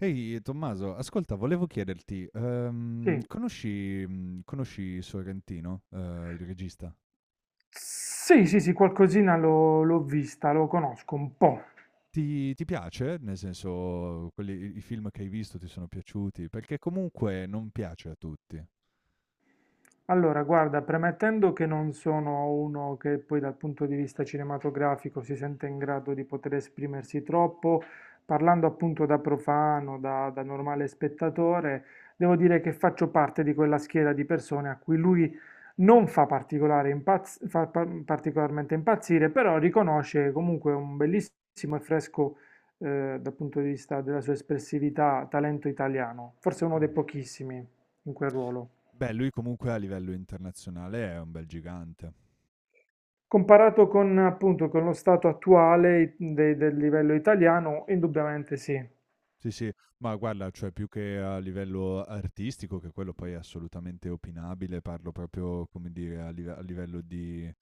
Ehi Tommaso, ascolta, volevo chiederti, Sì, conosci, conosci Sorrentino, il regista? sì, sì, sì, qualcosina l'ho vista, lo conosco un po'. Ti piace? Nel senso, i film che hai visto ti sono piaciuti? Perché comunque non piace a tutti. Allora, guarda, premettendo che non sono uno che poi dal punto di vista cinematografico si sente in grado di poter esprimersi troppo, parlando appunto da profano, da normale spettatore, devo dire che faccio parte di quella schiera di persone a cui lui non fa particolare fa particolarmente impazzire, però riconosce comunque un bellissimo e fresco, dal punto di vista della sua espressività, talento italiano, forse uno dei Mm. pochissimi in quel ruolo. Beh, lui comunque a livello internazionale è un bel gigante. Comparato con, appunto, con lo stato attuale del livello italiano, indubbiamente sì. Sì, sì, ma guarda, cioè più che a livello artistico, che quello poi è assolutamente opinabile, parlo proprio, come dire,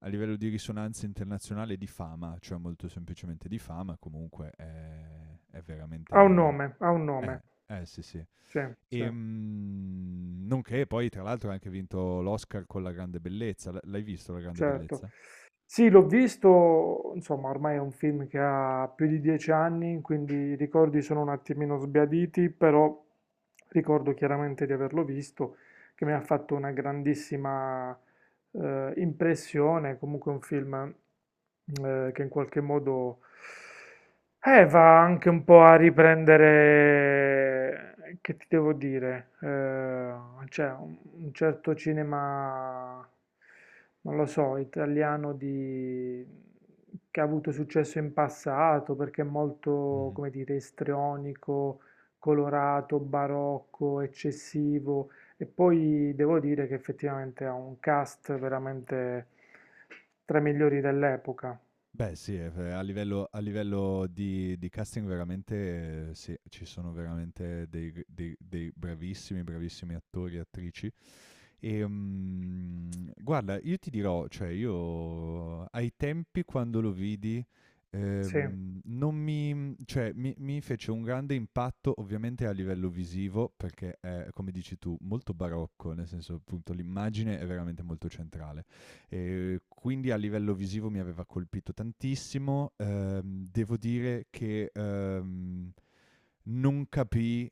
a livello di risonanza internazionale e di fama, cioè molto semplicemente di fama, comunque è Ha un veramente nome, ha un nome. eh, sì, sì. Sì, sì. Nonché poi tra l'altro ha anche vinto l'Oscar con La grande bellezza. L'hai visto La grande Certo. bellezza? Sì, l'ho visto, insomma, ormai è un film che ha più di 10 anni, quindi i ricordi sono un attimino sbiaditi, però ricordo chiaramente di averlo visto, che mi ha fatto una grandissima impressione, comunque un film che in qualche modo va anche un po' a riprendere, che ti devo dire, cioè un certo cinema non lo so, italiano di... che ha avuto successo in passato perché è molto, Mh-mh. come dire, istrionico, colorato, barocco, eccessivo. E poi devo dire che effettivamente ha un cast veramente tra i migliori dell'epoca. Beh sì, a livello di casting veramente sì, ci sono veramente dei dei bravissimi, bravissimi attori e attrici, e, mm, guarda, io ti dirò, cioè io ai tempi quando lo vidi, Sì, non mi, cioè, mi fece un grande impatto ovviamente a livello visivo, perché è, come dici tu, molto barocco, nel senso appunto l'immagine è veramente molto centrale. E quindi a livello visivo mi aveva colpito tantissimo. Devo dire che... non capì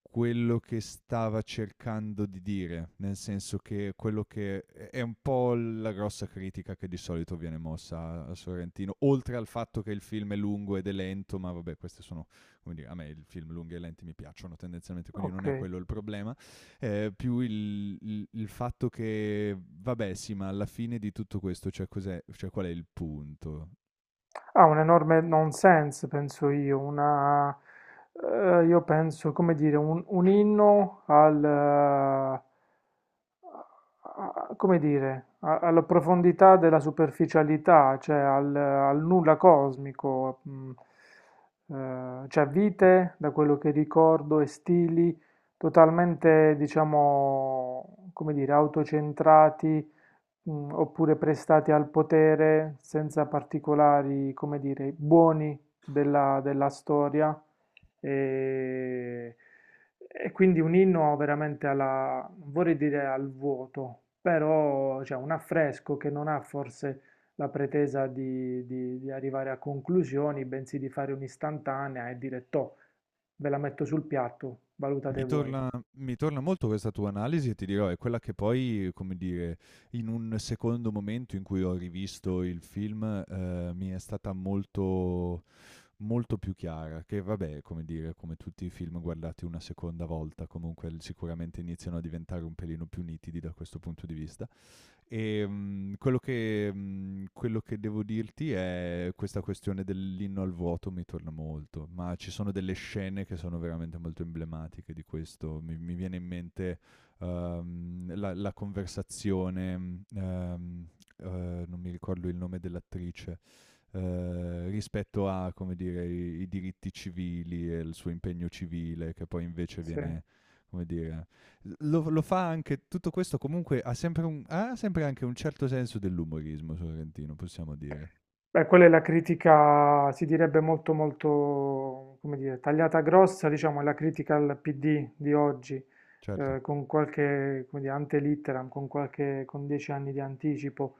quello che stava cercando di dire, nel senso che quello che è un po' la grossa critica che di solito viene mossa a Sorrentino, oltre al fatto che il film è lungo ed è lento, ma vabbè, queste sono, come dire, a me i film lunghi e lenti mi piacciono tendenzialmente, quindi ok. non è quello il problema, più fatto che, vabbè sì, ma alla fine di tutto questo, cioè cos'è, cioè qual è il punto? Ha un enorme nonsense, penso io, io penso, come dire, un inno come dire, alla profondità della superficialità, cioè al nulla cosmico, cioè vite, da quello che ricordo, e stili totalmente, diciamo, come dire, autocentrati oppure prestati al potere senza particolari, come dire, buoni della storia. E, e quindi un inno veramente alla, non vorrei dire al vuoto, però cioè, un affresco che non ha forse la pretesa di arrivare a conclusioni, bensì di fare un'istantanea e dire, toh, ve la metto sul piatto, valutate Mi voi. torna Mi torna molto questa tua analisi e ti dirò, è quella che poi, come dire, in un secondo momento in cui ho rivisto il film, mi è stata molto molto più chiara, che vabbè, come dire, come tutti i film guardati una seconda volta, comunque l sicuramente iniziano a diventare un pelino più nitidi da questo punto di vista. E quello che devo dirti è questa questione dell'inno al vuoto mi torna molto, ma ci sono delle scene che sono veramente molto emblematiche di questo. Mi viene in mente la conversazione, non mi ricordo il nome dell'attrice, rispetto a, come dire, i diritti civili e il suo impegno civile, che poi invece Sì. viene, come dire, lo fa anche, tutto questo comunque ha sempre, ha sempre anche un certo senso dell'umorismo sorrentino, possiamo dire. Beh, quella è la critica, si direbbe molto, molto, come dire, tagliata grossa, diciamo, è la critica al PD di oggi, Certo, con qualche, come dire, ante litteram, con 10 anni di anticipo,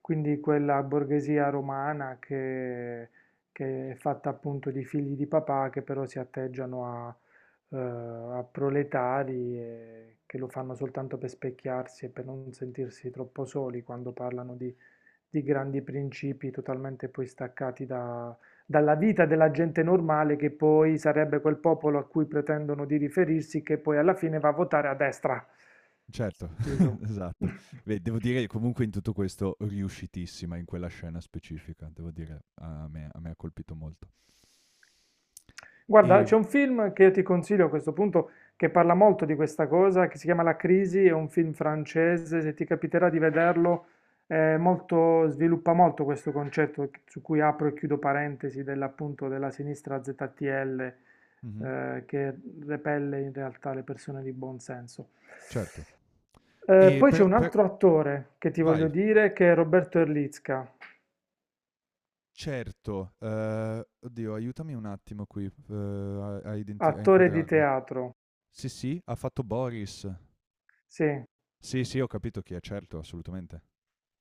quindi quella borghesia romana che è fatta appunto di figli di papà che però si atteggiano eh, a proletari e che lo fanno soltanto per specchiarsi e per non sentirsi troppo soli quando parlano di grandi principi totalmente poi staccati dalla vita della gente normale, che poi sarebbe quel popolo a cui pretendono di riferirsi, che poi alla fine va a votare a destra. certo, Chiuso. esatto. Beh, devo dire che comunque in tutto questo riuscitissima in quella scena specifica, devo dire, a me ha colpito molto. Guarda, E, c'è un film che io ti consiglio a questo punto che parla molto di questa cosa, che si chiama La Crisi, è un film francese, se ti capiterà di vederlo, è sviluppa molto questo concetto su cui apro e chiudo parentesi dell'appunto della sinistra ZTL, Mhm, che repelle in realtà le persone di buon senso. certo. Eh, E poi c'è però, un altro attore che ti voglio vai. dire, che è Roberto Erlitzka, Certo, oddio, aiutami un attimo qui a attore di inquadrarlo. teatro. Sì, sì, ha fatto Boris. Sì, Sì, sì, ho capito chi è, certo, assolutamente.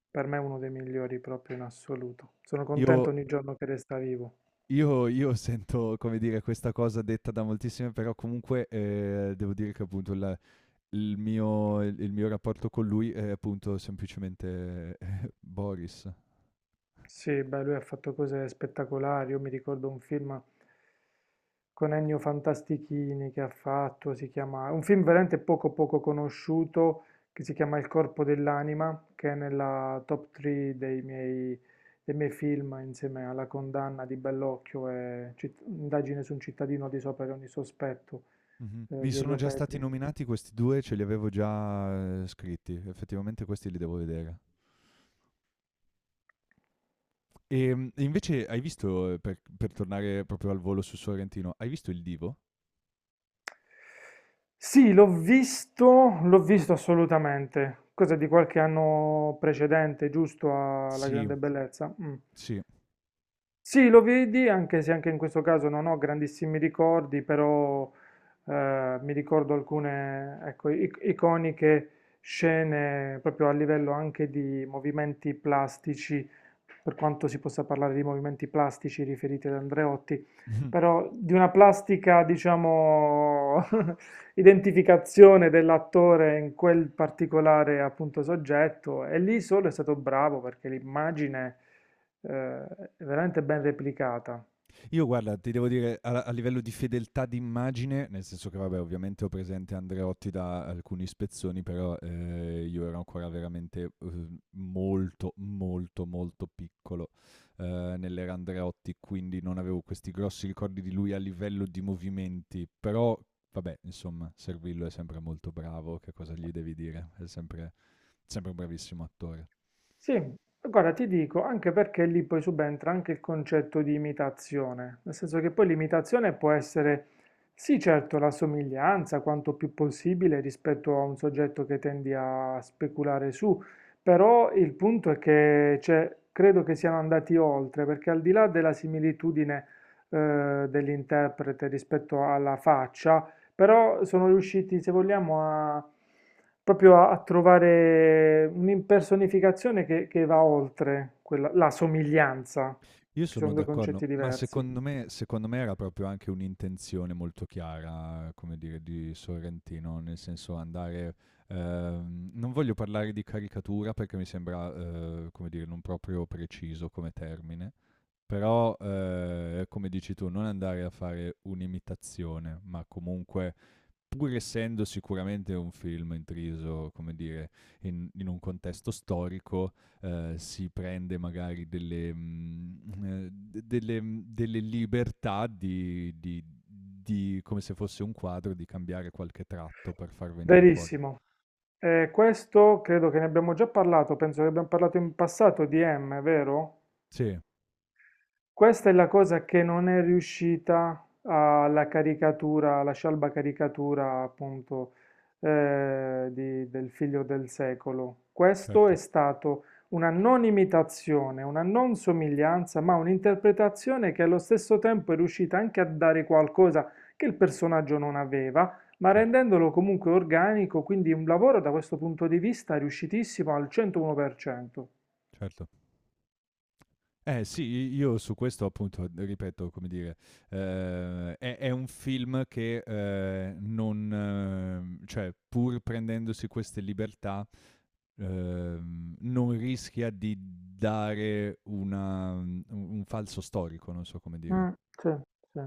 per me è uno dei migliori proprio in assoluto. Sono Io, contento ogni giorno che resta vivo. Io sento, come dire, questa cosa detta da moltissime, però comunque devo dire che appunto il mio, il mio rapporto con lui è appunto semplicemente Boris. Sì, beh, lui ha fatto cose spettacolari. Io mi ricordo un film con Ennio Fantastichini che ha fatto, si chiama, un film veramente poco poco conosciuto che si chiama Il corpo dell'anima, che è nella top 3 dei miei film insieme alla condanna di Bellocchio e Indagine su un cittadino di sopra di ogni sospetto Mhm. Mi di sono Elio già stati Petri. nominati questi due, ce li avevo già scritti, effettivamente questi li devo vedere. E invece hai visto, per tornare proprio al volo su Sorrentino, hai visto il Divo? Sì, l'ho visto assolutamente. Cosa di qualche anno precedente, giusto alla Sì, grande bellezza. Mm. sì. Sì, lo vedi, anche se anche in questo caso non ho grandissimi ricordi, però mi ricordo alcune, ecco, iconiche scene proprio a livello anche di movimenti plastici, per quanto si possa parlare di movimenti plastici riferiti ad Andreotti, però di una plastica, diciamo, identificazione dell'attore in quel particolare appunto soggetto, e lì solo è stato bravo perché l'immagine eh, veramente ben replicata. Io guarda, ti devo dire, a livello di fedeltà d'immagine, nel senso che, vabbè, ovviamente ho presente Andreotti da alcuni spezzoni, però io ero ancora veramente molto, molto, molto piccolo nell'era Andreotti, quindi non avevo questi grossi ricordi di lui a livello di movimenti, però, vabbè, insomma, Servillo è sempre molto bravo, che cosa gli devi dire? È sempre sempre un bravissimo attore. Sì, guarda, ti dico, anche perché lì poi subentra anche il concetto di imitazione, nel senso che poi l'imitazione può essere, sì, certo, la somiglianza quanto più possibile rispetto a un soggetto che tendi a speculare su, però il punto è che cioè, credo che siano andati oltre, perché al di là della similitudine dell'interprete rispetto alla faccia, però sono riusciti, se vogliamo, a proprio a trovare un'impersonificazione che va oltre la somiglianza, Io che sono sono due d'accordo, concetti ma diversi. Secondo me era proprio anche un'intenzione molto chiara, come dire, di Sorrentino, nel senso andare... non voglio parlare di caricatura perché mi sembra, come dire, non proprio preciso come termine, però, come dici tu, non andare a fare un'imitazione, ma comunque pur essendo sicuramente un film intriso, come dire, in un contesto storico, si prende magari delle, mm, delle, mm, delle libertà di, come se fosse un quadro, di cambiare qualche tratto per far venire fuori. Verissimo. Questo credo che ne abbiamo già parlato, penso che abbiamo parlato in passato di M, vero? Sì, Questa è la cosa che non è riuscita alla caricatura, alla scialba caricatura appunto del figlio del secolo. Questo è certo, stato una non imitazione, una non somiglianza, ma un'interpretazione che allo stesso tempo è riuscita anche a dare qualcosa che il personaggio non aveva, ma certo, rendendolo comunque organico, quindi un lavoro da questo punto di vista riuscitissimo al 101%. certo. Eh sì, io su questo appunto, ripeto, come dire, è un film che non, cioè pur prendendosi queste libertà, non rischia di dare una, un falso storico, non so come dire. Mh, sì, sì.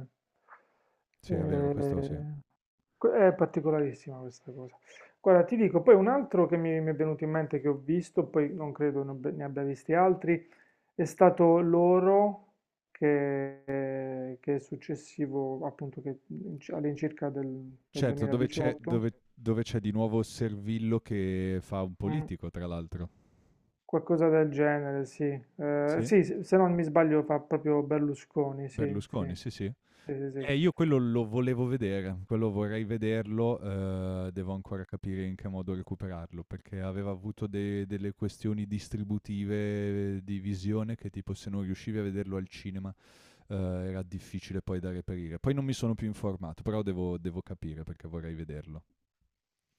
Sì, è vero, questo sì. Ehm, que è particolarissima questa cosa. Guarda, ti dico, poi un altro che mi è venuto in mente che ho visto, poi non credo ne abbia visti altri, è stato l'oro che è successivo appunto che in ci all'incirca del Certo, dove c'è, 2018, dove c'è di nuovo Servillo che fa un mh, politico, tra l'altro. qualcosa del genere, sì. Ehm, Sì. sì, s se non mi sbaglio fa proprio Berlusconi, sì, Berlusconi, sì. sì, sì. Sì, sì, sì. E io quello lo volevo vedere, quello vorrei vederlo, devo ancora capire in che modo recuperarlo, perché aveva avuto delle questioni distributive di visione che tipo se non riuscivi a vederlo al cinema eh, era difficile poi da reperire. Poi non mi sono più informato, però devo, devo capire perché vorrei vederlo.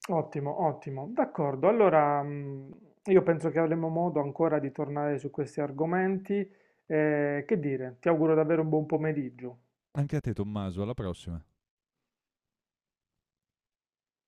Ottimo, ottimo. D'accordo, allora io penso che avremo modo ancora di tornare su questi argomenti. Che dire, ti auguro davvero un buon pomeriggio. Anche a te Tommaso, alla prossima.